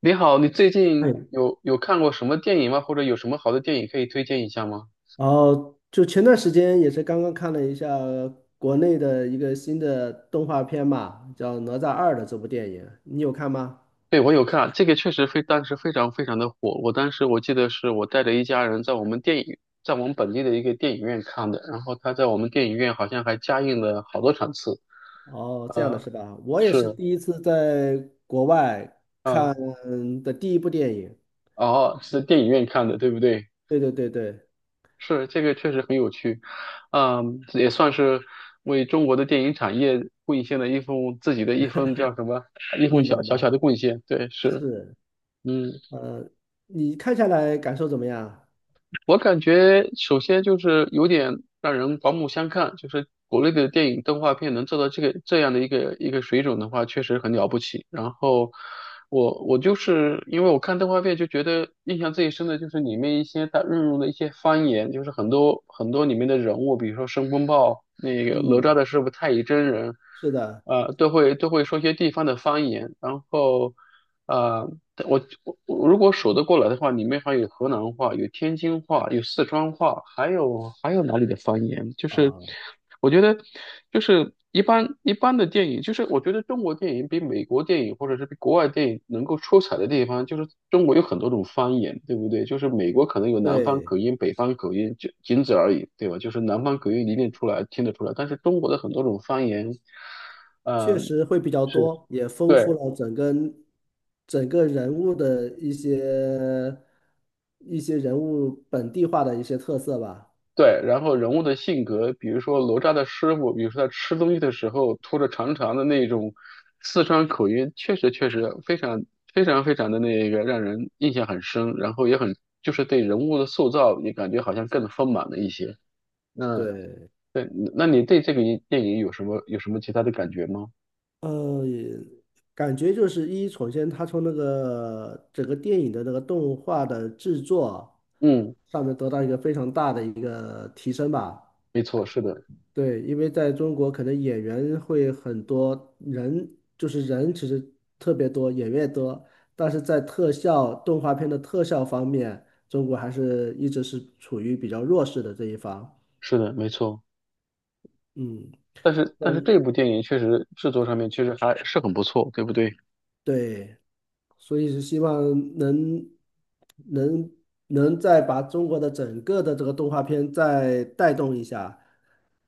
你好，你最近哎，有看过什么电影吗？或者有什么好的电影可以推荐一下吗？然后就前段时间也是刚刚看了一下国内的一个新的动画片嘛，叫《哪吒二》的这部电影，你有看吗？对，我有看，这个确实非当时非常非常的火。我当时我记得是我带着一家人在我们本地的一个电影院看的，然后他在我们电影院好像还加映了好多场次。哦，这样的呃，是吧？我也是，是第一次在国外嗯、看的第一部电影。哦，是在电影院看的，对不对？对对对对，是，这个确实很有趣，嗯，也算是为中国的电影产业贡献了一份自己的一份叫什么一份力小量小小吧，的贡献。对，是，是，嗯。呃，你看下来感受怎么样？我感觉首先就是有点让人刮目相看，就是国内的电影动画片能做到这样的一个水准的话，确实很了不起。然后我就是因为我看动画片就觉得印象最深的就是里面一些它运用的一些方言，就是很多里面的人物，比如说申公豹、那个哪吒嗯，的师傅太乙真人，是的，都会说一些地方的方言，然后。呃，但我如果数得过来的话，里面还有河南话，有天津话，有四川话，还有哪里的方言？就是啊，我觉得，就是一般的电影，就是我觉得中国电影比美国电影或者是比国外电影能够出彩的地方，就是中国有很多种方言，对不对？就是美国可能有南方对，口音、北方口音，就仅此而已，对吧？就是南方口音你一定出来听得出来，但是中国的很多种方言，呃，确实会比较是。多，也丰富对。了整个整个人物的一些一些人物本地化的一些特色吧。对，然后人物的性格，比如说哪吒的师傅，比如说他吃东西的时候拖着长长的那种四川口音，确实非常非常的那个让人印象很深，然后也很就是对人物的塑造也感觉好像更丰满了一些。那对，对，那你对这个电影有什么其他的感觉吗？也感觉就是一，首先它从那个整个电影的那个动画的制作嗯，上面得到一个非常大的一个提升吧。没错，是的，对，因为在中国可能演员会很多人，就是人其实特别多，演员也多，但是在特效动画片的特效方面，中国还是一直是处于比较弱势的这一方。是的，没错。嗯，但是嗯这部电影确实制作上面确实还是很不错，对不对？对，所以是希望能能能再把中国的整个的这个动画片再带动一下。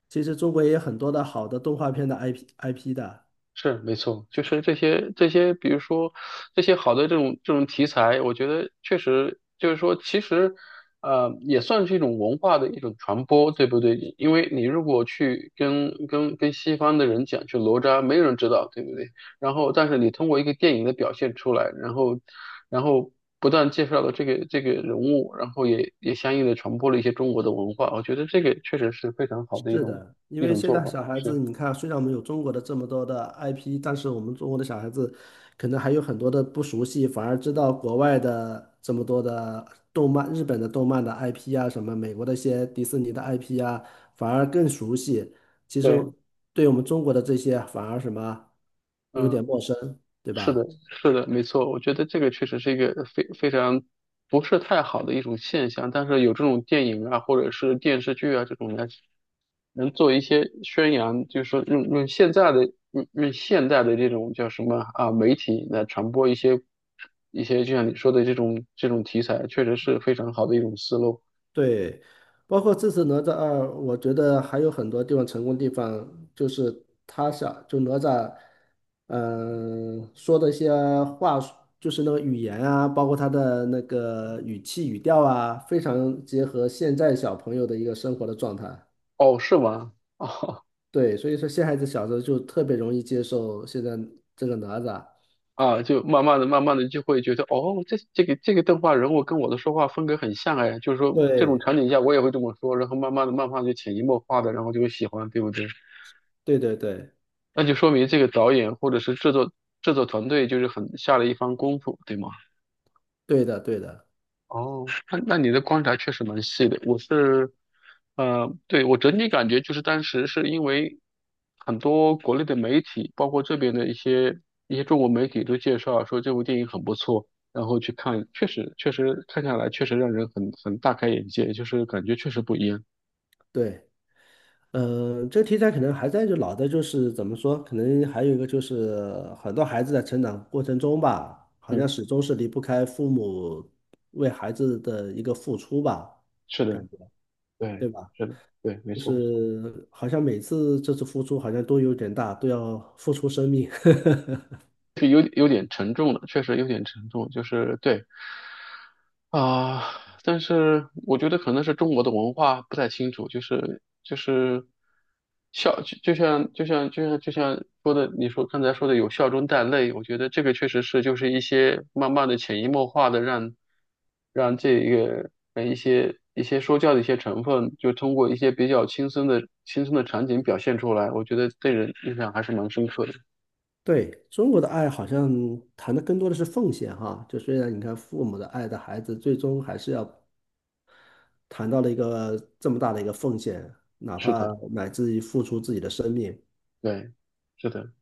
其实中国也有很多的好的动画片的 IP 的。是没错，就是这些，比如说这些好的这种题材，我觉得确实就是说，其实也算是一种文化的一种传播，对不对？因为你如果去跟西方的人讲去哪吒，没有人知道，对不对？然后，但是你通过一个电影的表现出来，然后不断介绍了这个人物，然后也相应的传播了一些中国的文化，我觉得这个确实是非常好的是的，因一为种现做在法，小孩是子，你看，虽然我们有中国的这么多的 IP,但是我们中国的小孩子可能还有很多的不熟悉，反而知道国外的这么多的动漫，日本的动漫的 IP 啊，什么美国的一些迪士尼的 IP 啊，反而更熟悉。其实对，对我们中国的这些反而什么有嗯。点陌生，对是吧？的，是的，没错，我觉得这个确实是一个非常不是太好的一种现象，但是有这种电影啊，或者是电视剧啊这种来能做一些宣扬，就是说用现在的用现在的这种叫什么啊媒体来传播一些一些就像你说的这种题材，确实是非常好的一种思路。对，包括这次哪吒二，我觉得还有很多地方成功的地方，就是他想就哪吒，嗯、说的一些话术就是那个语言啊，包括他的那个语气语调啊，非常结合现在小朋友的一个生活的状态。哦，是吗？对，所以说现孩子小时候就特别容易接受现在这个哪吒。啊，就慢慢的就会觉得，哦，这个动画人物跟我的说话风格很像哎，就是说这种对，场景下我也会这么说，然后慢慢的就潜移默化的，然后就会喜欢，对不对？对对对，那就说明这个导演或者是制作团队就是很下了一番功夫，对吗？对的，对的，哦，那你的观察确实蛮细的。我是，呃，对，我整体感觉就是当时是因为很多国内的媒体，包括这边的一些中国媒体都介绍说这部电影很不错，然后去看，确实看下来确实让人很大开眼界，就是感觉确实不一样。对。嗯，这个题材可能还在就老的，就是怎么说，可能还有一个就是很多孩子在成长过程中吧，好像嗯，始终是离不开父母为孩子的一个付出吧，是的，感觉，对，对吧？是的，对，没就错，是好像每次这次付出好像都有点大，都要付出生命。是有点沉重的，确实有点沉重，就是对。啊，但是我觉得可能是中国的文化不太清楚，就是孝，就像说的，刚才说的有笑中带泪，我觉得这个确实是就是一些慢慢的潜移默化的让让这一个一些说教的一些成分，就通过一些比较轻松的场景表现出来，我觉得对人印象还是蛮深刻的。对，中国的爱好像谈的更多的是奉献哈，就虽然你看父母的爱的孩子，最终还是要谈到了一个这么大的一个奉献，哪是怕的，乃至于付出自己的生命，对，是的。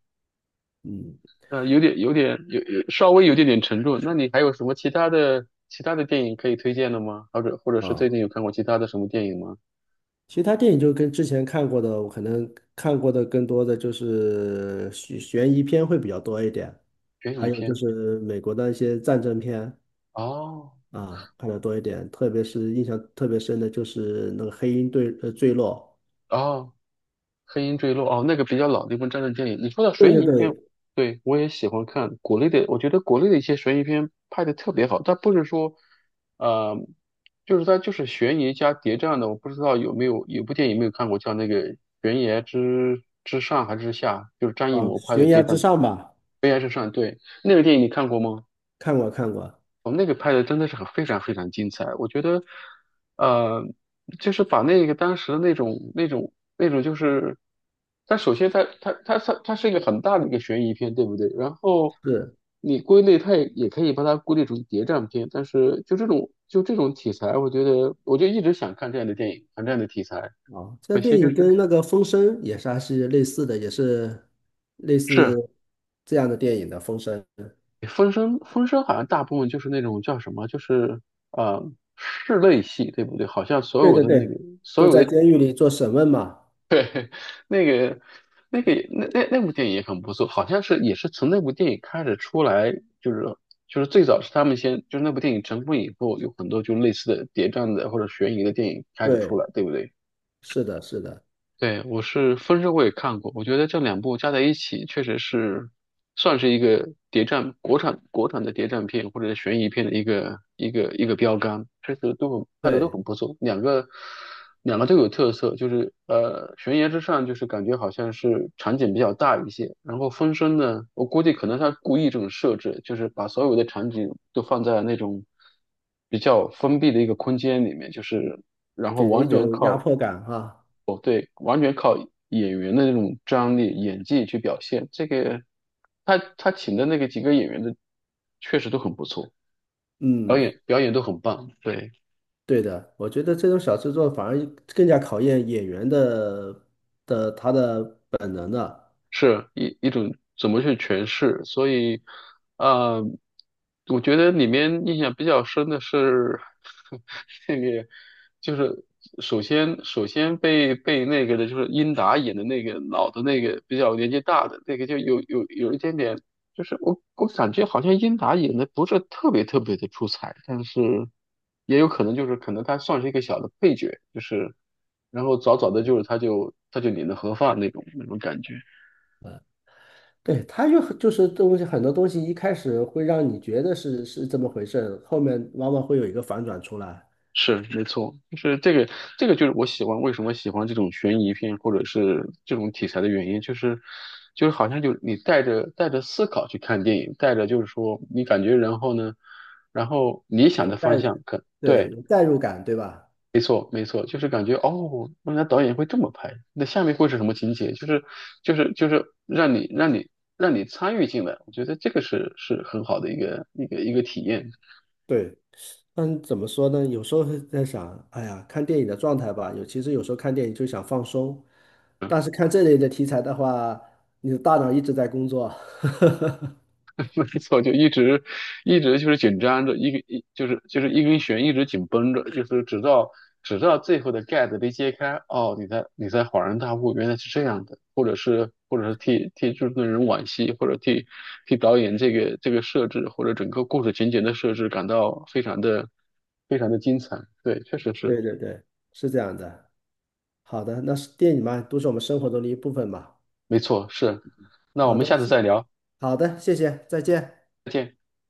嗯有稍微有点点沉重。那你还有什么其他的电影可以推荐的吗？或者是最啊，近有看过其他的什么电影吗？其实他电影就跟之前看过的，我可能看过的更多的就是悬疑片会比较多一点，悬疑还有就片？是美国的一些战争片哦啊，看的多一点，特别是印象特别深的就是那个《黑鹰坠坠落》，哦，黑鹰坠落哦，那个比较老的一部战争电影。你说到对悬对疑片，对，对，我也喜欢看国内的，我觉得国内的一些悬疑片拍的特别好，但不是说，呃，就是它就是悬疑加谍战的。我不知道有没有有部电影没有看过，叫那个《悬崖之上还是之下》，就是张艺啊，谋拍的悬崖谍战之上吧，《悬崖之上》。对，那个电影你看过吗？看过看过，我们那个拍的真的是非常非常精彩，我觉得，呃，就是把那个当时的那种就是，它首先它是一个很大的一个悬疑片，对不对？然后是。你归类，它也可以把它归类成谍战片，但是就这种题材，我觉得我就一直想看这样的电影，看这样的题材，哦，这可电惜就影是跟那个《风声》也是还是类似的，也是类似是这样的电影的《风声》。《风声》，《风声》好像大部分就是那种叫什么，就是呃室内戏，对不对？好像所对有对的那个对，所都有在的。监狱里做审问嘛。对，那个、那个也、那部电影也很不错，好像是也是从那部电影开始出来，就是就是最早是他们先，就是那部电影成功以后，有很多就类似的谍战的或者悬疑的电影开始出来，对，对不对？是的，是的，对，我是《风声》我也看过，我觉得这两部加在一起，确实是算是一个国产的谍战片或者是悬疑片的一个一个标杆，确实都拍的都对，很不错，两个都有特色，就是呃悬崖之上就是感觉好像是场景比较大一些，然后《风声》呢，我估计可能他故意这种设置，就是把所有的场景都放在那种比较封闭的一个空间里面，就是。然给后人一种压迫感哈。完全靠演员的那种张力、演技去表现。这个他请的那个几个演员的确实都很不错，嗯，表演都很棒。对。对的，我觉得这种小制作反而更加考验演员的的他的本能的。是一种怎么去诠释，所以，呃，我觉得里面印象比较深的是 那个，就是首先被那个的就是英达演的那个老的那个比较年纪大的那个就有一点点，就是我感觉好像英达演的不是特别的出彩，但是也有可能就是可能他算是一个小的配角，就是然后早早的他就领了盒饭那种感觉。呃对，他就就是东西很多东西一开始会让你觉得是这么回事，后面往往会有一个反转出来。是没错，这个就是我喜欢，为什么喜欢这种悬疑片或者是这种题材的原因，就是，就是好像就你带着思考去看电影，带着就是说你感觉，然后呢，然后你想有的方代，向可对，对，有代入感，对吧？没错，就是感觉哦，原来导演会这么拍，那下面会是什么情节？就是让你让你参与进来，我觉得这个是很好的一个一个体验。对，但怎么说呢？有时候会在想，哎呀，看电影的状态吧，有其实有时候看电影就想放松，但是看这类的题材的话，你的大脑一直在工作。没错，就一直一直就是紧张着，一根一就是一根弦一直紧绷着，就是直到最后的盖子被揭开，哦，你才恍然大悟，原来是这样的，或者是替制作人惋惜，或者替导演这个设置或者整个故事情节的设置感到非常的精彩，对，确实是，对对对，是这样的。好的，那是电影嘛，都是我们生活中的一部分嘛。没错，是，那我好们的，下次再聊，好的，谢谢，再见。再见。